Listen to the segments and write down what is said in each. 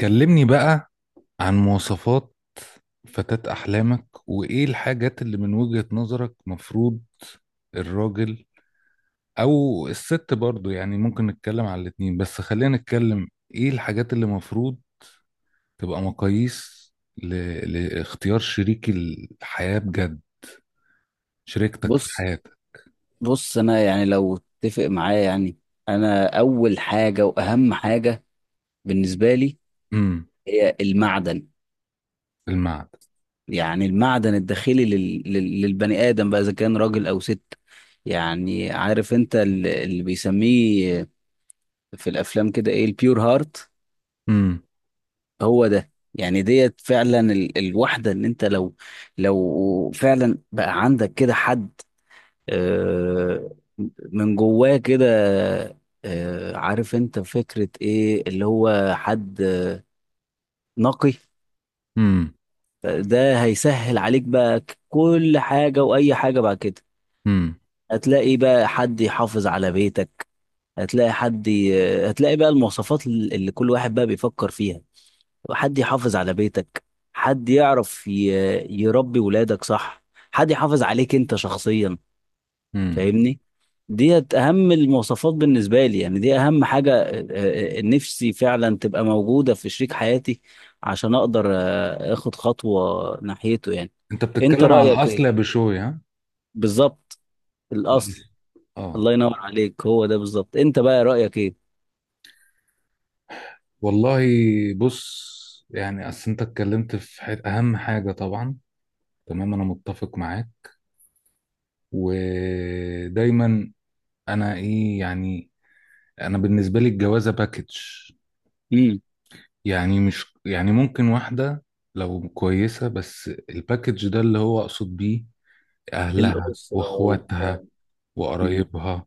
كلمني بقى عن مواصفات فتاة أحلامك وإيه الحاجات اللي من وجهة نظرك مفروض الراجل أو الست برضو، يعني ممكن نتكلم على الاتنين بس خلينا نتكلم إيه الحاجات اللي مفروض تبقى مقاييس ل... لاختيار شريك الحياة بجد، شريكتك في بص حياتك. بص. انا يعني لو اتفق معايا، يعني انا اول حاجه واهم حاجه بالنسبه لي امم هي المعدن. المعد يعني المعدن الداخلي للبني ادم، بقى اذا كان راجل او ست. يعني عارف انت اللي بيسميه في الافلام كده ايه؟ البيور هارت. امم. هو ده يعني، ديت فعلا الواحده، ان انت لو فعلا بقى عندك كده حد، آه، من جواه كده، عارف انت فكرة ايه؟ اللي هو حد نقي. امم. ده هيسهل عليك بقى كل حاجة وأي حاجة بعد كده. امم. هتلاقي بقى حد يحافظ على بيتك، هتلاقي حد ي... هتلاقي بقى المواصفات اللي كل واحد بقى بيفكر فيها، حد يحافظ على بيتك، حد يعرف يربي ولادك صح، حد يحافظ عليك انت شخصيا، امم. فاهمني؟ ديت اهم المواصفات بالنسبه لي، يعني دي اهم حاجه نفسي فعلا تبقى موجوده في شريك حياتي، عشان اقدر اخد خطوه ناحيته يعني. أنت انت بتتكلم على رايك الأصل يا ايه؟ بشوي ها؟ بالظبط. الأصل. الاصل. آه. الله ينور عليك، هو ده بالظبط. انت بقى رايك ايه؟ والله، بص. يعني اصل انت اتكلمت في اهم حاجه طبعا، تمام انا متفق معاك، ودايما. انا ايه يعني، انا بالنسبه لي الجوازه باكج، امم. يعني مش يعني ممكن واحده لو كويسه، بس الباكج ده اللي هو اقصد بيه اهلها الاسره وبتاع. واخواتها امم. وقرايبها،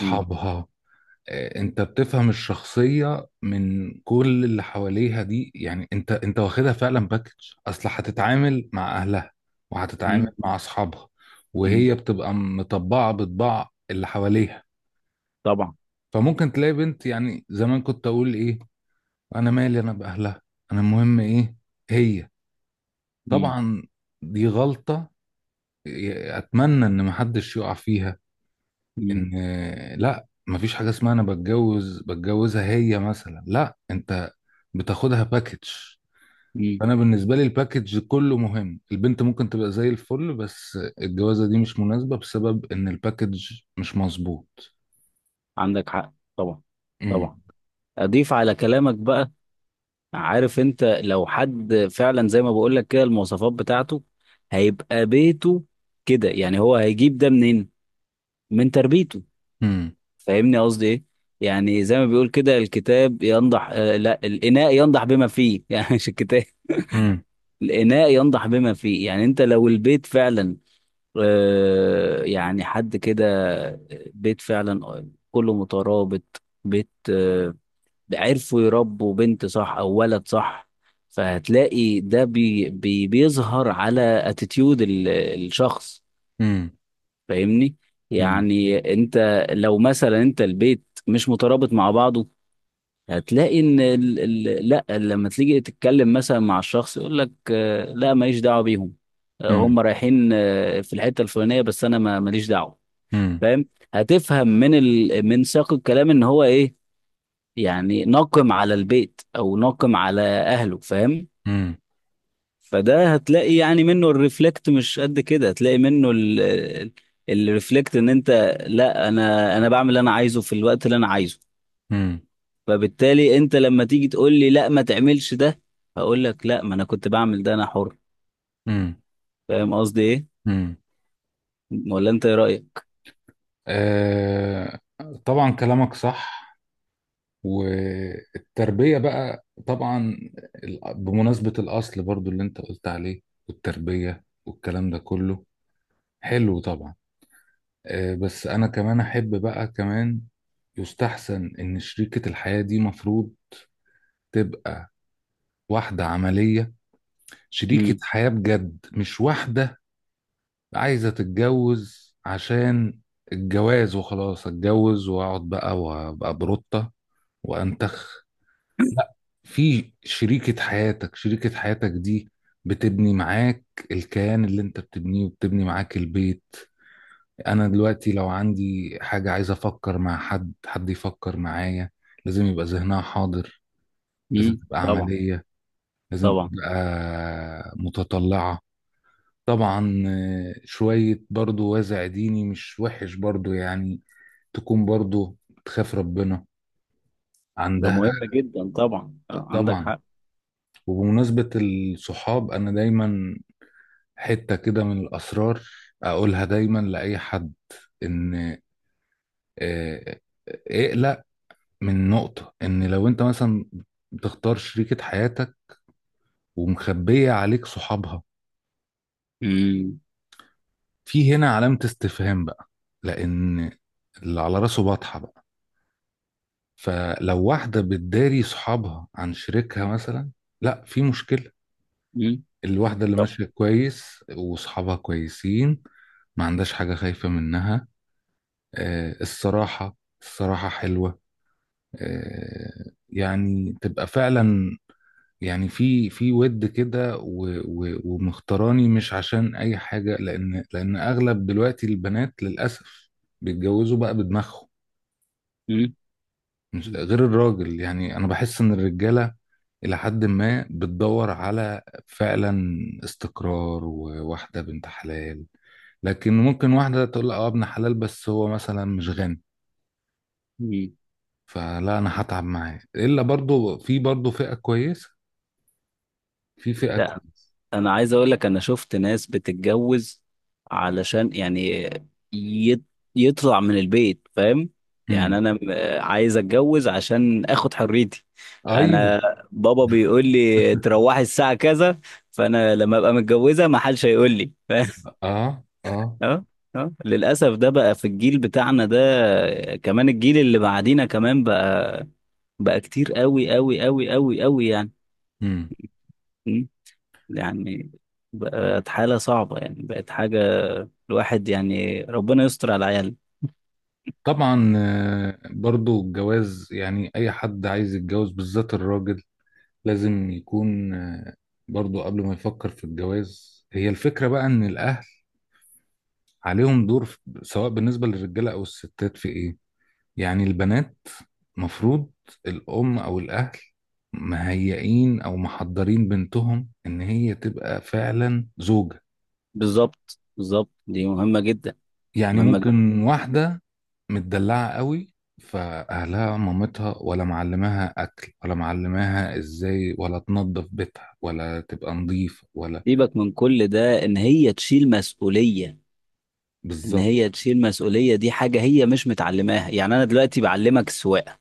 امم. آه، انت بتفهم الشخصية من كل اللي حواليها دي، يعني انت واخدها فعلا باكج. اصل هتتعامل مع اهلها، وهتتعامل امم. مع اصحابها، أمم. وهي بتبقى مطبعة بطباع اللي حواليها. طبعا. فممكن تلاقي بنت، يعني زمان كنت اقول ايه: انا مالي انا باهلها، انا المهم ايه، هي، امم. طبعا. دي غلطة، اتمنى ان محدش يقع فيها. امم. ان لا، مفيش حاجه اسمها انا بتجوز بتجوزها هي مثلا، لا انت بتاخدها باكج. أمم. انا بالنسبه لي الباكج كله مهم، البنت ممكن تبقى زي الفل بس الجوازه دي مش مناسبه بسبب ان الباكج مش مظبوط. عندك حق طبعا. طبعا. امم. اضيف على كلامك بقى، عارف انت لو حد فعلا زي ما بقول لك كده المواصفات بتاعته هيبقى بيته كده، يعني هو هيجيب ده منين؟ من تربيته. امم. فاهمني قصدي ايه؟ يعني زي ما بيقول كده، الكتاب ينضح، لا، الاناء ينضح بما فيه يعني مش الكتاب. امم. الاناء ينضح بما فيه. يعني انت لو البيت فعلا يعني حد كده، آه، بيت فعلا كله مترابط، بيت، عرفوا يربوا بنت صح او ولد صح، فهتلاقي ده بي بي بيظهر على اتيتيود الشخص، فاهمني؟ امم. يعني انت لو مثلا انت البيت مش مترابط مع بعضه، هتلاقي ان ال ال لا، لما تيجي تتكلم مثلا مع الشخص يقول لك لا ماليش دعوه بيهم، هم امم. رايحين في الحته الفلانيه، بس انا ماليش دعوه، امم. فاهم؟ هتفهم من ال من سياق الكلام ان هو ايه، يعني ناقم على البيت او ناقم على اهله، فاهم؟ امم. فده هتلاقي يعني منه الريفلكت، مش قد كده هتلاقي منه الريفلكت ان انت لا، انا بعمل اللي انا عايزه في الوقت اللي انا عايزه، امم. فبالتالي انت لما تيجي تقول لي لا ما تعملش ده، هقول لك لا، ما انا كنت بعمل ده، انا حر. امم. فاهم قصدي ايه؟ امم. ولا انت ايه رايك؟ آه، طبعا كلامك صح، والتربية بقى طبعا. بمناسبة الأصل برضو اللي أنت قلت عليه، والتربية والكلام ده كله حلو طبعا. آه، بس أنا كمان أحب بقى كمان يستحسن إن شريكة الحياة دي مفروض تبقى واحدة عملية، شريكة امم. حياة بجد مش واحدة عايزة تتجوز عشان الجواز وخلاص، أتجوز وأقعد بقى وأبقى بروتة وأنتخ، لا. في شريكة حياتك، شريكة حياتك دي بتبني معاك الكيان اللي انت بتبنيه وبتبني معاك البيت. انا دلوقتي لو عندي حاجة عايز افكر مع حد، حد يفكر معايا، لازم يبقى ذهنها حاضر، لازم امم. تبقى طبعا. عملية، لازم طبعا، تبقى متطلعة. طبعا آه، شوية برضو وازع ديني مش وحش برضو، يعني تكون برضو بتخاف ربنا ده عندها. مهم جدا طبعا، عندك طبعا. حق. وبمناسبة الصحاب، أنا دايما حتة كده من الأسرار أقولها دايما لأي حد، إن آه، اقلق من نقطة إن لو أنت مثلا بتختار شريكة حياتك ومخبية عليك صحابها، امم. في هنا علامة استفهام بقى، لأن اللي على راسه بطحة بقى. فلو واحدة بتداري صحابها عن شريكها مثلا، لا في مشكلة. امم. الواحدة اللي طب. ماشية كويس وصحابها كويسين ما عندهاش حاجة خايفة منها. آه، الصراحة، الصراحة حلوة. آه، يعني تبقى فعلا يعني في ود كده ومختاراني مش عشان اي حاجه، لان اغلب دلوقتي البنات للاسف بيتجوزوا بقى بدماغهم، امم. مش غير الراجل. يعني انا بحس ان الرجاله الى حد ما بتدور على فعلا استقرار وواحده بنت حلال، لكن ممكن واحده تقول اه ابن حلال بس هو مثلا مش غني، امم. فلا انا هتعب معاه. الا برضو في برضو فئه كويسه، في فئة كويسة. انا عايز اقول لك، انا شفت ناس بتتجوز علشان يعني يت- يطلع من البيت، فاهم؟ يعني امم. انا عايز اتجوز عشان اخد حريتي. ايوه. انا بابا بيقول لي تروحي الساعة كذا، فانا لما ابقى متجوزة ما حدش هيقول لي فاهم؟ اه، اه. اه. اه. للاسف ده بقى في الجيل بتاعنا ده، كمان الجيل اللي بعدينا كمان بقى. بقى كتير قوي قوي قوي قوي قوي يعني، امم. يعني بقت حالة صعبة، يعني بقت حاجة، الواحد يعني ربنا يستر على العيال. طبعا آه، برضو الجواز يعني اي حد عايز يتجوز بالذات الراجل لازم يكون آه، برضو قبل ما يفكر في الجواز هي الفكرة بقى ان الاهل عليهم دور سواء بالنسبة للرجالة او الستات في ايه، يعني البنات مفروض الام او الاهل مهيئين او محضرين بنتهم ان هي تبقى فعلا زوجة. بالظبط بالظبط، دي مهمة جدا، يعني مهمة جدا. ممكن واحدة متدلعة قوي، فأهلها مامتها ولا معلماها أكل ولا معلماها إزاي ولا تنظف بيتها ولا تبقى نظيفة ولا، سيبك من كل ده، إن هي تشيل مسؤولية، إن بالظبط. هي تشيل مسؤولية دي حاجة هي مش متعلماها. يعني أنا دلوقتي بعلمك السواقة،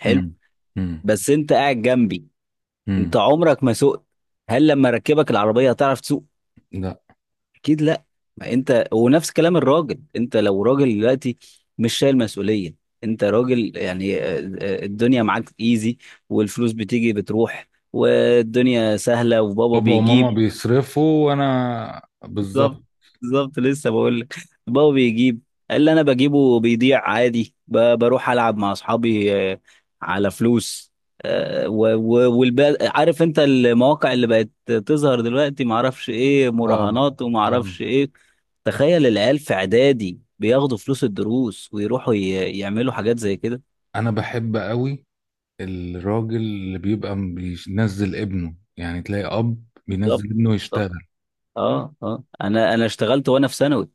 حلو، مم. مم. بس أنت قاعد جنبي، أنت مم. عمرك ما سوقت، هل لما ركبك العربية هتعرف تسوق؟ لا اكيد لا. ما انت ونفس كلام الراجل، انت لو راجل دلوقتي مش شايل مسؤوليه، انت راجل يعني، الدنيا معاك ايزي، والفلوس بتيجي بتروح والدنيا سهله وبابا بابا وماما بيجيب. بيصرفوا وأنا بالظبط. بالظبط. بالظبط لسه بقول لك، بابا بيجيب، اللي انا بجيبه بيضيع عادي، بروح العب مع اصحابي على فلوس، والب عارف انت المواقع اللي بقت تظهر دلوقتي، معرفش ايه آه، مراهنات آه. ومعرفش ايه. تخيل العيال في اعدادي بياخدوا فلوس الدروس، ويروحوا يعملوا حاجات زي كده. أنا بحب قوي الراجل اللي بيبقى بينزل ابنه، يعني تلاقي أب بالظبط. بينزل ابنه بالظبط. يشتغل. اه. اه. انا اشتغلت وانا في ثانوي،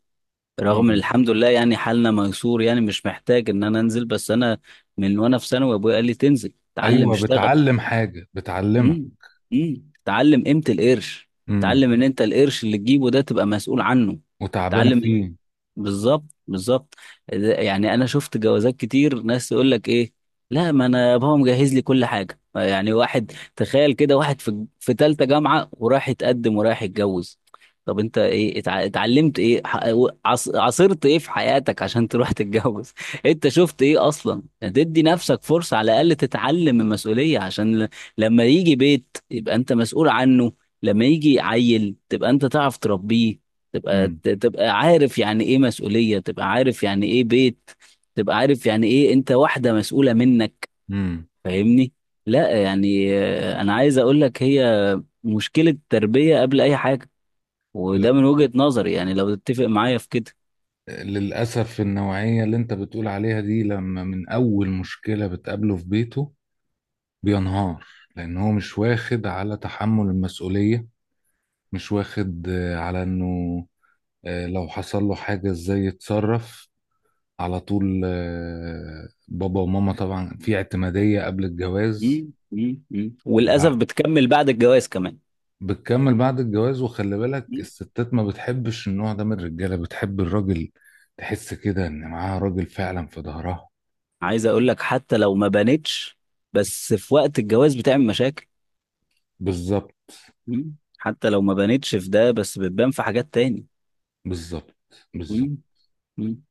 رغم ان مم. الحمد لله يعني حالنا ميسور، يعني مش محتاج ان انا انزل، بس انا من وانا في ثانوي ابويا قال لي تنزل تعلم أيوه اشتغل. بتعلم حاجة بتعلمها، امم. امم. تعلم قيمة القرش، تعلم ان انت القرش اللي تجيبه ده تبقى مسؤول عنه، وتعبان تعلم. فيه. بالظبط بالظبط. يعني انا شفت جوازات كتير، ناس يقول لك ايه، لا ما انا بابا مجهز لي كل حاجه. يعني واحد، تخيل كده واحد في في ثالثه جامعه ورايح يتقدم ورايح يتجوز. طب انت ايه اتعلمت ايه، عاصرت ايه في حياتك عشان تروح تتجوز انت شفت ايه اصلا؟ تدي نفسك فرصه على الاقل تتعلم المسؤوليه، عشان لما يجي بيت يبقى انت مسؤول عنه، لما يجي عيل تبقى انت تعرف تربيه، امم. تبقى عارف يعني ايه مسؤولية، تبقى عارف يعني ايه بيت، تبقى عارف يعني ايه انت واحدة مسؤولة منك. امم. فاهمني؟ لا يعني انا عايز اقول لك، هي مشكلة تربية قبل اي حاجة، وده لل... من وجهة نظري يعني لو تتفق معايا في كده. للأسف النوعية اللي انت بتقول عليها دي لما من أول مشكلة بتقابله في بيته بينهار، لأن هو مش واخد على تحمل المسؤولية، مش واخد آه، على انه آه، لو حصل له حاجة ازاي يتصرف، على طول آه، بابا وماما، طبعا في اعتمادية قبل الجواز. مم، مم، مم. وللأسف بتكمل بعد الجواز كمان. بتكمل بعد الجواز، وخلي بالك مم. الستات ما بتحبش النوع ده من الرجاله، بتحب الراجل تحس كده ان معاها راجل فعلا في ظهرها. عايز اقول لك حتى لو ما بانتش بس في وقت الجواز بتعمل مشاكل. بالظبط. مم. حتى لو ما بانتش في ده بس بتبان في حاجات تاني. بالظبط. بالظبط. مم، مم.